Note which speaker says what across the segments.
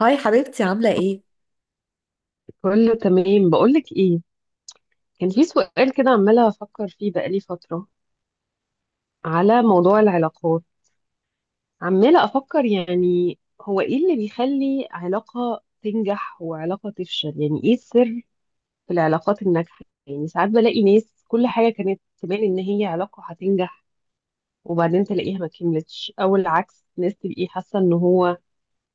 Speaker 1: هاي حبيبتي عاملة ايه؟
Speaker 2: كله تمام، بقولك ايه، كان في سؤال كده عمالة أفكر فيه بقالي فترة على موضوع العلاقات. عمالة أفكر، يعني هو ايه اللي بيخلي علاقة تنجح وعلاقة تفشل؟ يعني ايه السر في العلاقات الناجحة؟ يعني ساعات بلاقي ناس كل حاجة كانت تبان إن هي علاقة هتنجح، وبعدين تلاقيها ما كملتش. أو العكس، ناس تبقي حاسة إن هو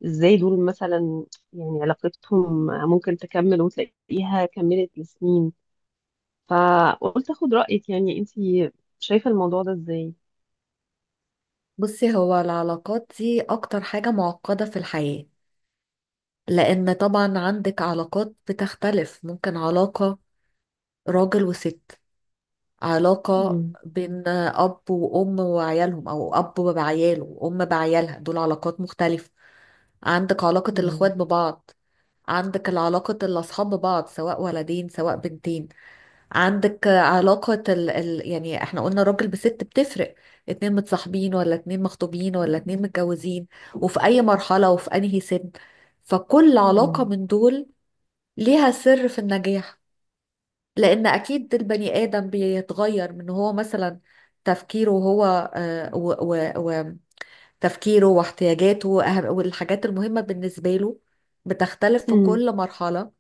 Speaker 2: ازاي دول مثلا، يعني علاقتهم ممكن تكمل وتلاقيها كملت لسنين. فقلت اخد رأيك، يعني انتي شايفة الموضوع ده ازاي؟
Speaker 1: بصي، هو العلاقات دي أكتر حاجة معقدة في الحياة. لأن طبعا عندك علاقات بتختلف، ممكن علاقة راجل وست، علاقة
Speaker 2: مم.
Speaker 1: بين أب وأم وعيالهم، أو أب بعياله وأم بعيالها. دول علاقات مختلفة. عندك علاقة الإخوات
Speaker 2: مم.
Speaker 1: ببعض. عندك العلاقة الأصحاب ببعض، سواء ولدين سواء بنتين. عندك علاقة يعني احنا قلنا راجل بست بتفرق. اتنين متصاحبين، ولا اتنين مخطوبين، ولا اتنين متجوزين، وفي اي مرحلة وفي انهي سن. فكل علاقة
Speaker 2: مم.
Speaker 1: من دول ليها سر في النجاح. لان اكيد البني ادم بيتغير، من هو مثلا تفكيره هو، آه، و... و... وتفكيره واحتياجاته والحاجات المهمة بالنسبة له بتختلف في
Speaker 2: مم.
Speaker 1: كل مرحلة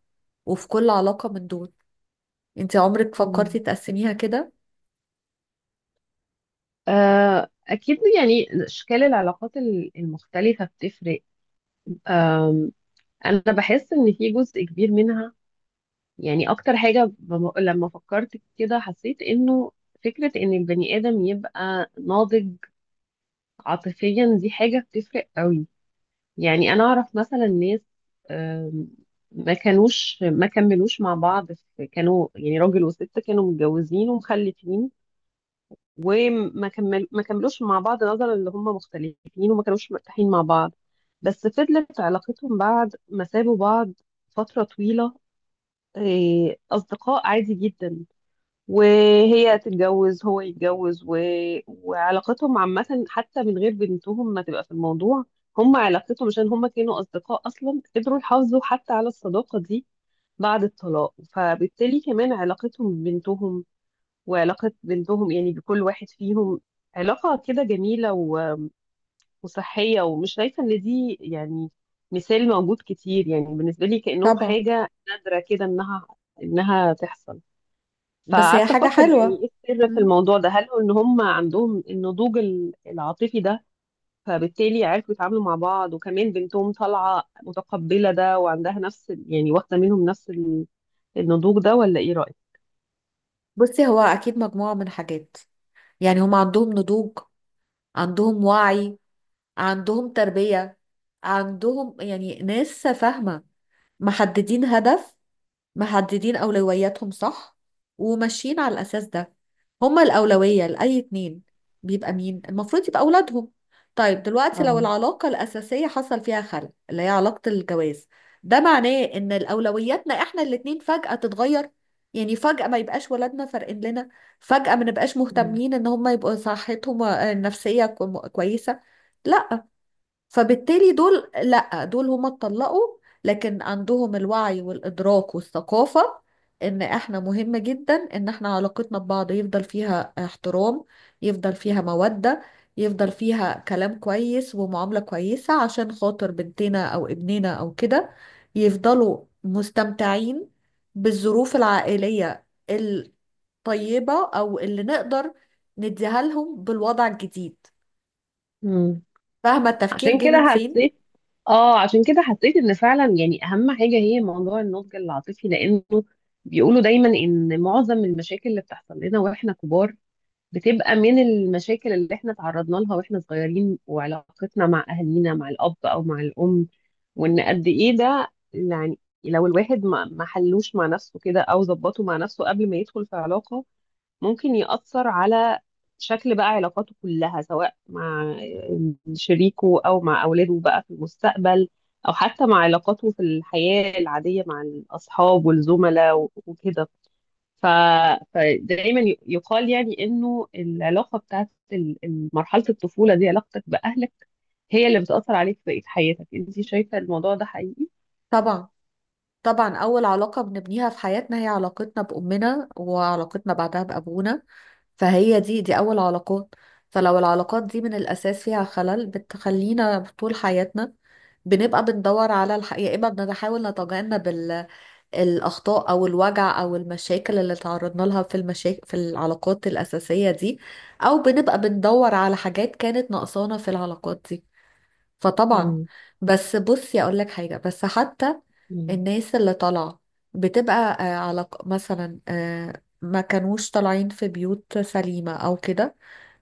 Speaker 1: وفي كل علاقة من دول. انت عمرك فكرتي
Speaker 2: مم.
Speaker 1: تقسميها كده؟
Speaker 2: آه، أكيد، يعني أشكال العلاقات المختلفة بتفرق. آم، أنا بحس إن في جزء كبير منها، يعني أكتر حاجة، لما فكرت كده حسيت إنه فكرة إن البني آدم يبقى ناضج عاطفيا دي حاجة بتفرق قوي. يعني انا اعرف مثلا ناس، آم، ما كملوش مع بعض. في كانوا، يعني راجل وست، كانوا متجوزين ومخلفين وما كمل ما كملوش مع بعض نظرا ان هم مختلفين وما كانوش مرتاحين مع بعض. بس فضلت علاقتهم بعد ما سابوا بعض فترة طويلة. أصدقاء عادي جدا. وهي تتجوز، هو يتجوز، وعلاقتهم عامة، حتى من غير بنتهم ما تبقى في الموضوع. هم علاقتهم، عشان هم كانوا أصدقاء أصلا، قدروا يحافظوا حتى على الصداقة دي بعد الطلاق. فبالتالي كمان علاقتهم ببنتهم، وعلاقة بنتهم يعني بكل واحد فيهم، علاقة كده جميلة وصحية. ومش شايفة إن دي يعني مثال موجود كتير، يعني بالنسبة لي كأنهم
Speaker 1: طبعا،
Speaker 2: حاجة نادرة كده إنها تحصل.
Speaker 1: بس هي
Speaker 2: فقعدت
Speaker 1: حاجة
Speaker 2: افكر يعني
Speaker 1: حلوة.
Speaker 2: ايه السر في
Speaker 1: مم.
Speaker 2: الموضوع ده؟ هل هو ان هم عندهم النضوج العاطفي ده، فبالتالي عرفوا يتعاملوا مع بعض؟ وكمان بنتهم طالعه متقبله ده وعندها نفس يعني واخده منهم نفس النضوج ده؟ ولا ايه رايك؟
Speaker 1: بصي، هو أكيد مجموعة من حاجات. يعني هم عندهم نضوج، عندهم وعي، عندهم تربية، عندهم يعني ناس فاهمة، محددين هدف، محددين أولوياتهم صح، وماشيين على الأساس ده. هما الأولوية لأي اتنين بيبقى مين؟ المفروض يبقى أولادهم. طيب دلوقتي، لو
Speaker 2: اه.
Speaker 1: العلاقة الأساسية حصل فيها خلل، اللي هي علاقة الجواز، ده معناه إن الأولوياتنا إحنا الاتنين فجأة تتغير. يعني فجأة ما يبقاش ولادنا فارقين لنا، فجأة ما نبقاش
Speaker 2: مم.
Speaker 1: مهتمين إن هما يبقوا صحتهم النفسية كويسة. لا. فبالتالي دول، لا دول هما اتطلقوا، لكن عندهم الوعي والإدراك والثقافة إن إحنا مهم جدا إن إحنا علاقتنا ببعض يفضل فيها احترام، يفضل فيها مودة، يفضل فيها كلام كويس ومعاملة كويسة عشان خاطر بنتنا أو ابننا أو كده، يفضلوا مستمتعين بالظروف العائلية الطيبة، أو اللي نقدر نديها لهم بالوضع الجديد.
Speaker 2: مم.
Speaker 1: فاهمة التفكير
Speaker 2: عشان
Speaker 1: جه من
Speaker 2: كده
Speaker 1: فين؟
Speaker 2: حسيت اه عشان كده حسيت ان فعلا يعني اهم حاجه هي موضوع النضج العاطفي، لانه بيقولوا دايما ان معظم المشاكل اللي بتحصل لنا واحنا كبار بتبقى من المشاكل اللي احنا تعرضنا لها واحنا صغيرين، وعلاقتنا مع اهالينا، مع الاب او مع الام. وان قد ايه ده، يعني لو الواحد ما حلوش مع نفسه كده، او ظبطه مع نفسه قبل ما يدخل في علاقة، ممكن يأثر على شكل بقى علاقاته كلها، سواء مع شريكه او مع اولاده بقى في المستقبل، او حتى مع علاقاته في الحياة العادية مع الاصحاب والزملاء وكده. ف... فدايما يقال يعني انه العلاقه بتاعت مرحله الطفوله دي، علاقتك باهلك، هي اللي بتاثر عليك في بقيه حياتك. انت شايفه الموضوع ده حقيقي؟
Speaker 1: طبعا. طبعا، أول علاقة بنبنيها في حياتنا هي علاقتنا بأمنا، وعلاقتنا بعدها بأبونا. فهي دي أول علاقات. فلو العلاقات دي من الأساس فيها خلل، بتخلينا طول حياتنا بنبقى بندور على يا إما بنحاول نتجنب الأخطاء أو الوجع أو المشاكل اللي تعرضنا لها في المشاكل في العلاقات الأساسية دي، أو بنبقى بندور على حاجات كانت ناقصانا في العلاقات دي. فطبعا.
Speaker 2: مم.
Speaker 1: بس بصي اقول لك حاجه، بس حتى
Speaker 2: مم.
Speaker 1: الناس اللي طالعه بتبقى على مثلا، ما كانوش طالعين في بيوت سليمه او كده،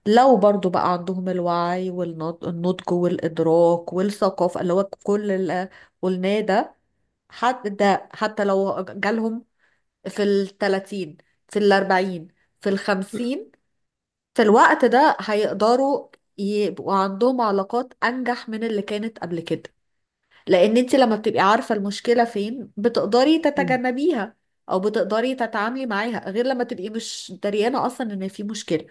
Speaker 1: لو برضو بقى عندهم الوعي والنضج والإدراك والثقافة اللي هو كل اللي قلناه ده، حتى ده، حتى لو جالهم في التلاتين، في الأربعين، في الخمسين، في الوقت ده هيقدروا يبقوا عندهم علاقات أنجح من اللي كانت قبل كده. لان انت لما بتبقي عارفة المشكلة فين، بتقدري
Speaker 2: مم.
Speaker 1: تتجنبيها، او بتقدري تتعاملي معاها، غير لما تبقي مش دريانة اصلا ان في مشكلة،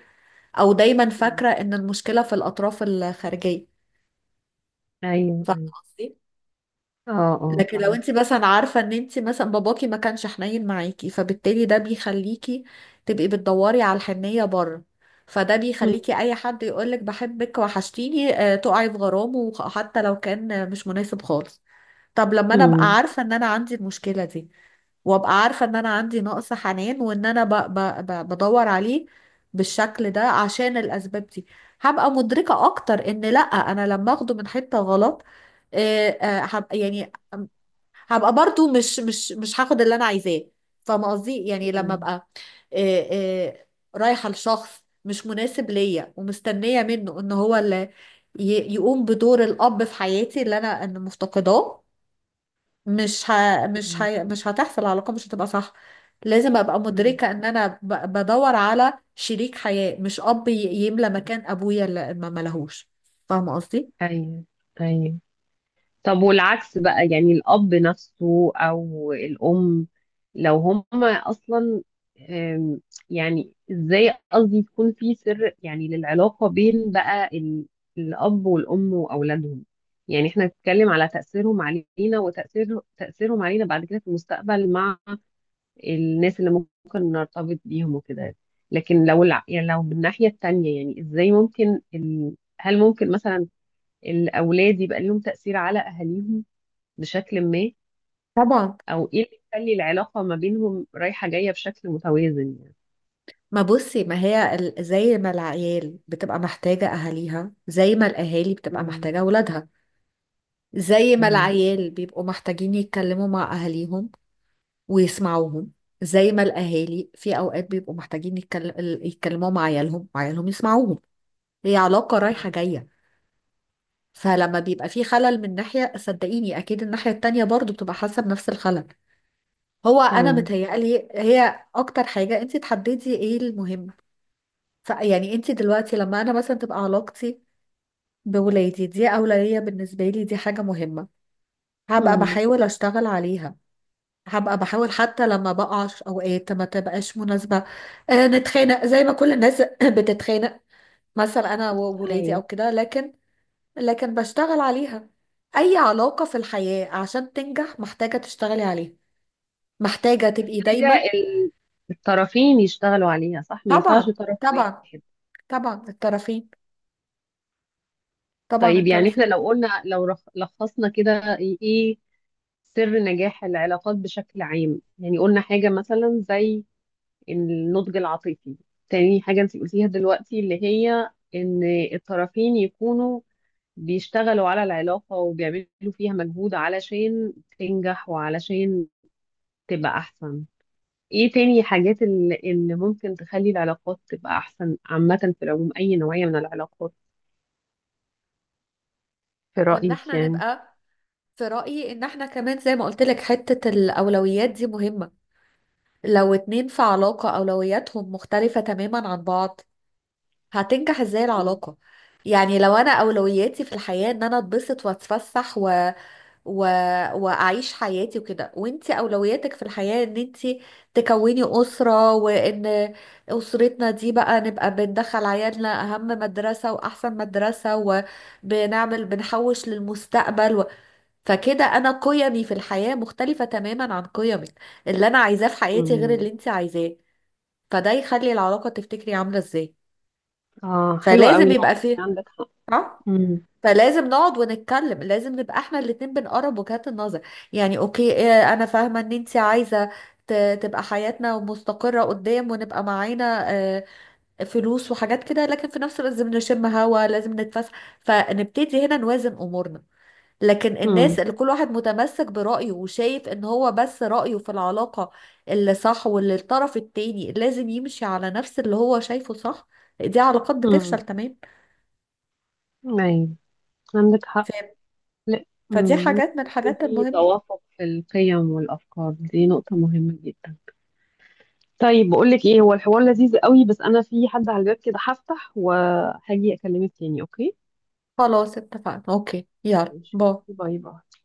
Speaker 1: او دايما
Speaker 2: مم.
Speaker 1: فاكرة ان المشكلة في الاطراف الخارجية.
Speaker 2: ايوه،
Speaker 1: فاهمة
Speaker 2: ايوه.
Speaker 1: قصدي؟
Speaker 2: اه، اه،
Speaker 1: لكن لو
Speaker 2: فاهم.
Speaker 1: انت مثلا عارفة ان انت مثلا باباكي ما كانش حنين معاكي، فبالتالي ده بيخليكي تبقي بتدوري على الحنية بره. فده
Speaker 2: مم.
Speaker 1: بيخليكي اي حد يقولك بحبك وحشتيني، تقعي في غرامه، حتى لو كان مش مناسب خالص. طب لما انا ابقى
Speaker 2: مم.
Speaker 1: عارفة ان انا عندي المشكلة دي، وابقى عارفة ان انا عندي نقص حنان، وان انا ب ب ب بدور عليه بالشكل ده عشان الاسباب دي، هبقى مدركة اكتر ان لا، انا لما اخده من حتة غلط، هبقى يعني، هبقى برضو مش هاخد اللي انا عايزاه. فاهمة قصدي؟ يعني لما
Speaker 2: مم.
Speaker 1: ابقى آه، آه، رايحة لشخص مش مناسب ليا، ومستنية منه ان هو اللي يقوم بدور الاب في حياتي اللي انا أنا مفتقداه،
Speaker 2: مم.
Speaker 1: مش هتحصل العلاقة، مش هتبقى صح. لازم ابقى
Speaker 2: مم.
Speaker 1: مدركة ان انا بدور على شريك حياة مش اب يملى مكان ابويا اللي ما ملهوش. فاهمة قصدي؟
Speaker 2: ايوه، ايوه. طب والعكس بقى، يعني الأب نفسه أو الأم، لو هما أصلا، أم، يعني إزاي قصدي يكون في سر، يعني للعلاقة بين بقى الأب والأم وأولادهم؟ يعني احنا نتكلم على تأثيرهم علينا، وتأثير تأثيرهم علينا بعد كده في المستقبل مع الناس اللي ممكن نرتبط بيهم وكده. لكن لو يعني لو بالناحية التانية، يعني إزاي ممكن هل ممكن مثلا الأولاد يبقى ليهم تأثير على أهاليهم بشكل ما؟
Speaker 1: طبعا.
Speaker 2: او ايه اللي يخلي العلاقة ما بينهم رايحة جاية بشكل متوازن يعني؟
Speaker 1: ما بصي، ما هي زي ما العيال بتبقى محتاجة اهاليها، زي ما الاهالي بتبقى
Speaker 2: مم.
Speaker 1: محتاجة اولادها، زي ما
Speaker 2: مم.
Speaker 1: العيال بيبقوا محتاجين يتكلموا مع اهاليهم ويسمعوهم، زي ما الاهالي في اوقات بيبقوا محتاجين يتكلموا مع عيالهم وعيالهم يسمعوهم. هي علاقة رايحة جاية. فلما بيبقى في خلل من ناحية، صدقيني أكيد الناحية التانية برضو بتبقى حاسة بنفس الخلل. هو أنا
Speaker 2: ايوه.
Speaker 1: متهيألي هي أكتر حاجة أنت تحددي إيه المهم. يعني أنت دلوقتي لما أنا مثلا تبقى علاقتي بولادي دي أولوية بالنسبة لي، دي حاجة مهمة، هبقى
Speaker 2: مم.
Speaker 1: بحاول أشتغل عليها، هبقى بحاول حتى لما بقع في أوقات ما تبقاش مناسبة، نتخانق زي ما كل الناس بتتخانق مثلا، أنا وولادي
Speaker 2: ايوه.
Speaker 1: أو كده، لكن لكن بشتغل عليها. أي علاقة في الحياة عشان تنجح محتاجة تشتغلي عليها، محتاجة تبقي
Speaker 2: حاجة
Speaker 1: دايما.
Speaker 2: الطرفين يشتغلوا عليها، صح؟ ما ينفعش
Speaker 1: طبعا
Speaker 2: طرف
Speaker 1: طبعا
Speaker 2: واحد.
Speaker 1: طبعا الطرفين طبعا
Speaker 2: طيب يعني احنا
Speaker 1: الطرفين
Speaker 2: لو قلنا لو لخصنا كده ايه سر نجاح العلاقات بشكل عام؟ يعني قلنا حاجة مثلا زي النضج العاطفي. تاني حاجة انت قلتيها دلوقتي اللي هي ان الطرفين يكونوا بيشتغلوا على العلاقة وبيعملوا فيها مجهود علشان تنجح وعلشان تبقى أحسن. إيه تاني حاجات اللي ممكن تخلي العلاقات تبقى أحسن عامة في العموم، أي نوعية من العلاقات، في
Speaker 1: وإن
Speaker 2: رأيك
Speaker 1: احنا
Speaker 2: يعني؟
Speaker 1: نبقى، في رأيي إن احنا كمان زي ما قلت لك حتة الأولويات دي مهمة. لو اتنين في علاقة أولوياتهم مختلفة تماما عن بعض، هتنجح ازاي
Speaker 2: مم.
Speaker 1: العلاقة؟ يعني لو أنا أولوياتي في الحياة إن أنا أتبسط وأتفسح و... واعيش حياتي وكده، وانت اولوياتك في الحياة ان انت تكوني اسرة، وان اسرتنا دي بقى نبقى بندخل عيالنا اهم مدرسة واحسن مدرسة، وبنعمل بنحوش للمستقبل فكده انا قيمي في الحياة مختلفة تماما عن قيمك. اللي انا عايزاه في حياتي غير اللي
Speaker 2: مم.
Speaker 1: انت عايزاه. فده يخلي العلاقة تفتكري عاملة ازاي؟
Speaker 2: آه، حلوة قوي
Speaker 1: فلازم
Speaker 2: النقطة
Speaker 1: يبقى
Speaker 2: دي،
Speaker 1: فيه.
Speaker 2: عندك حق.
Speaker 1: ها
Speaker 2: مم.
Speaker 1: فلازم نقعد ونتكلم، لازم نبقى احنا الاتنين بنقرب وجهات النظر. يعني اوكي، انا فاهمة ان انت عايزة تبقى حياتنا مستقرة قدام، ونبقى معانا فلوس وحاجات كده، لكن في نفس الوقت لازم نشم هوا، لازم نتفسح، فنبتدي هنا نوازن امورنا. لكن
Speaker 2: مم.
Speaker 1: الناس اللي كل واحد متمسك برأيه وشايف ان هو بس رأيه في العلاقة اللي صح، واللي الطرف التاني لازم يمشي على نفس اللي هو شايفه صح، دي علاقات بتفشل
Speaker 2: مم.
Speaker 1: تمام.
Speaker 2: أيوة، عندك حق.
Speaker 1: ف-
Speaker 2: لا،
Speaker 1: فدي حاجات
Speaker 2: لازم
Speaker 1: من
Speaker 2: يكون
Speaker 1: الحاجات
Speaker 2: في
Speaker 1: المهمة.
Speaker 2: توافق في القيم والأفكار، دي نقطة مهمة جدا. طيب، بقول لك ايه، هو الحوار لذيذ قوي بس انا في حد على الباب كده، هفتح وهاجي اكلمك تاني، اوكي؟
Speaker 1: خلاص اتفقنا، اوكي، يلا
Speaker 2: ماشي.
Speaker 1: باي.
Speaker 2: باي باي.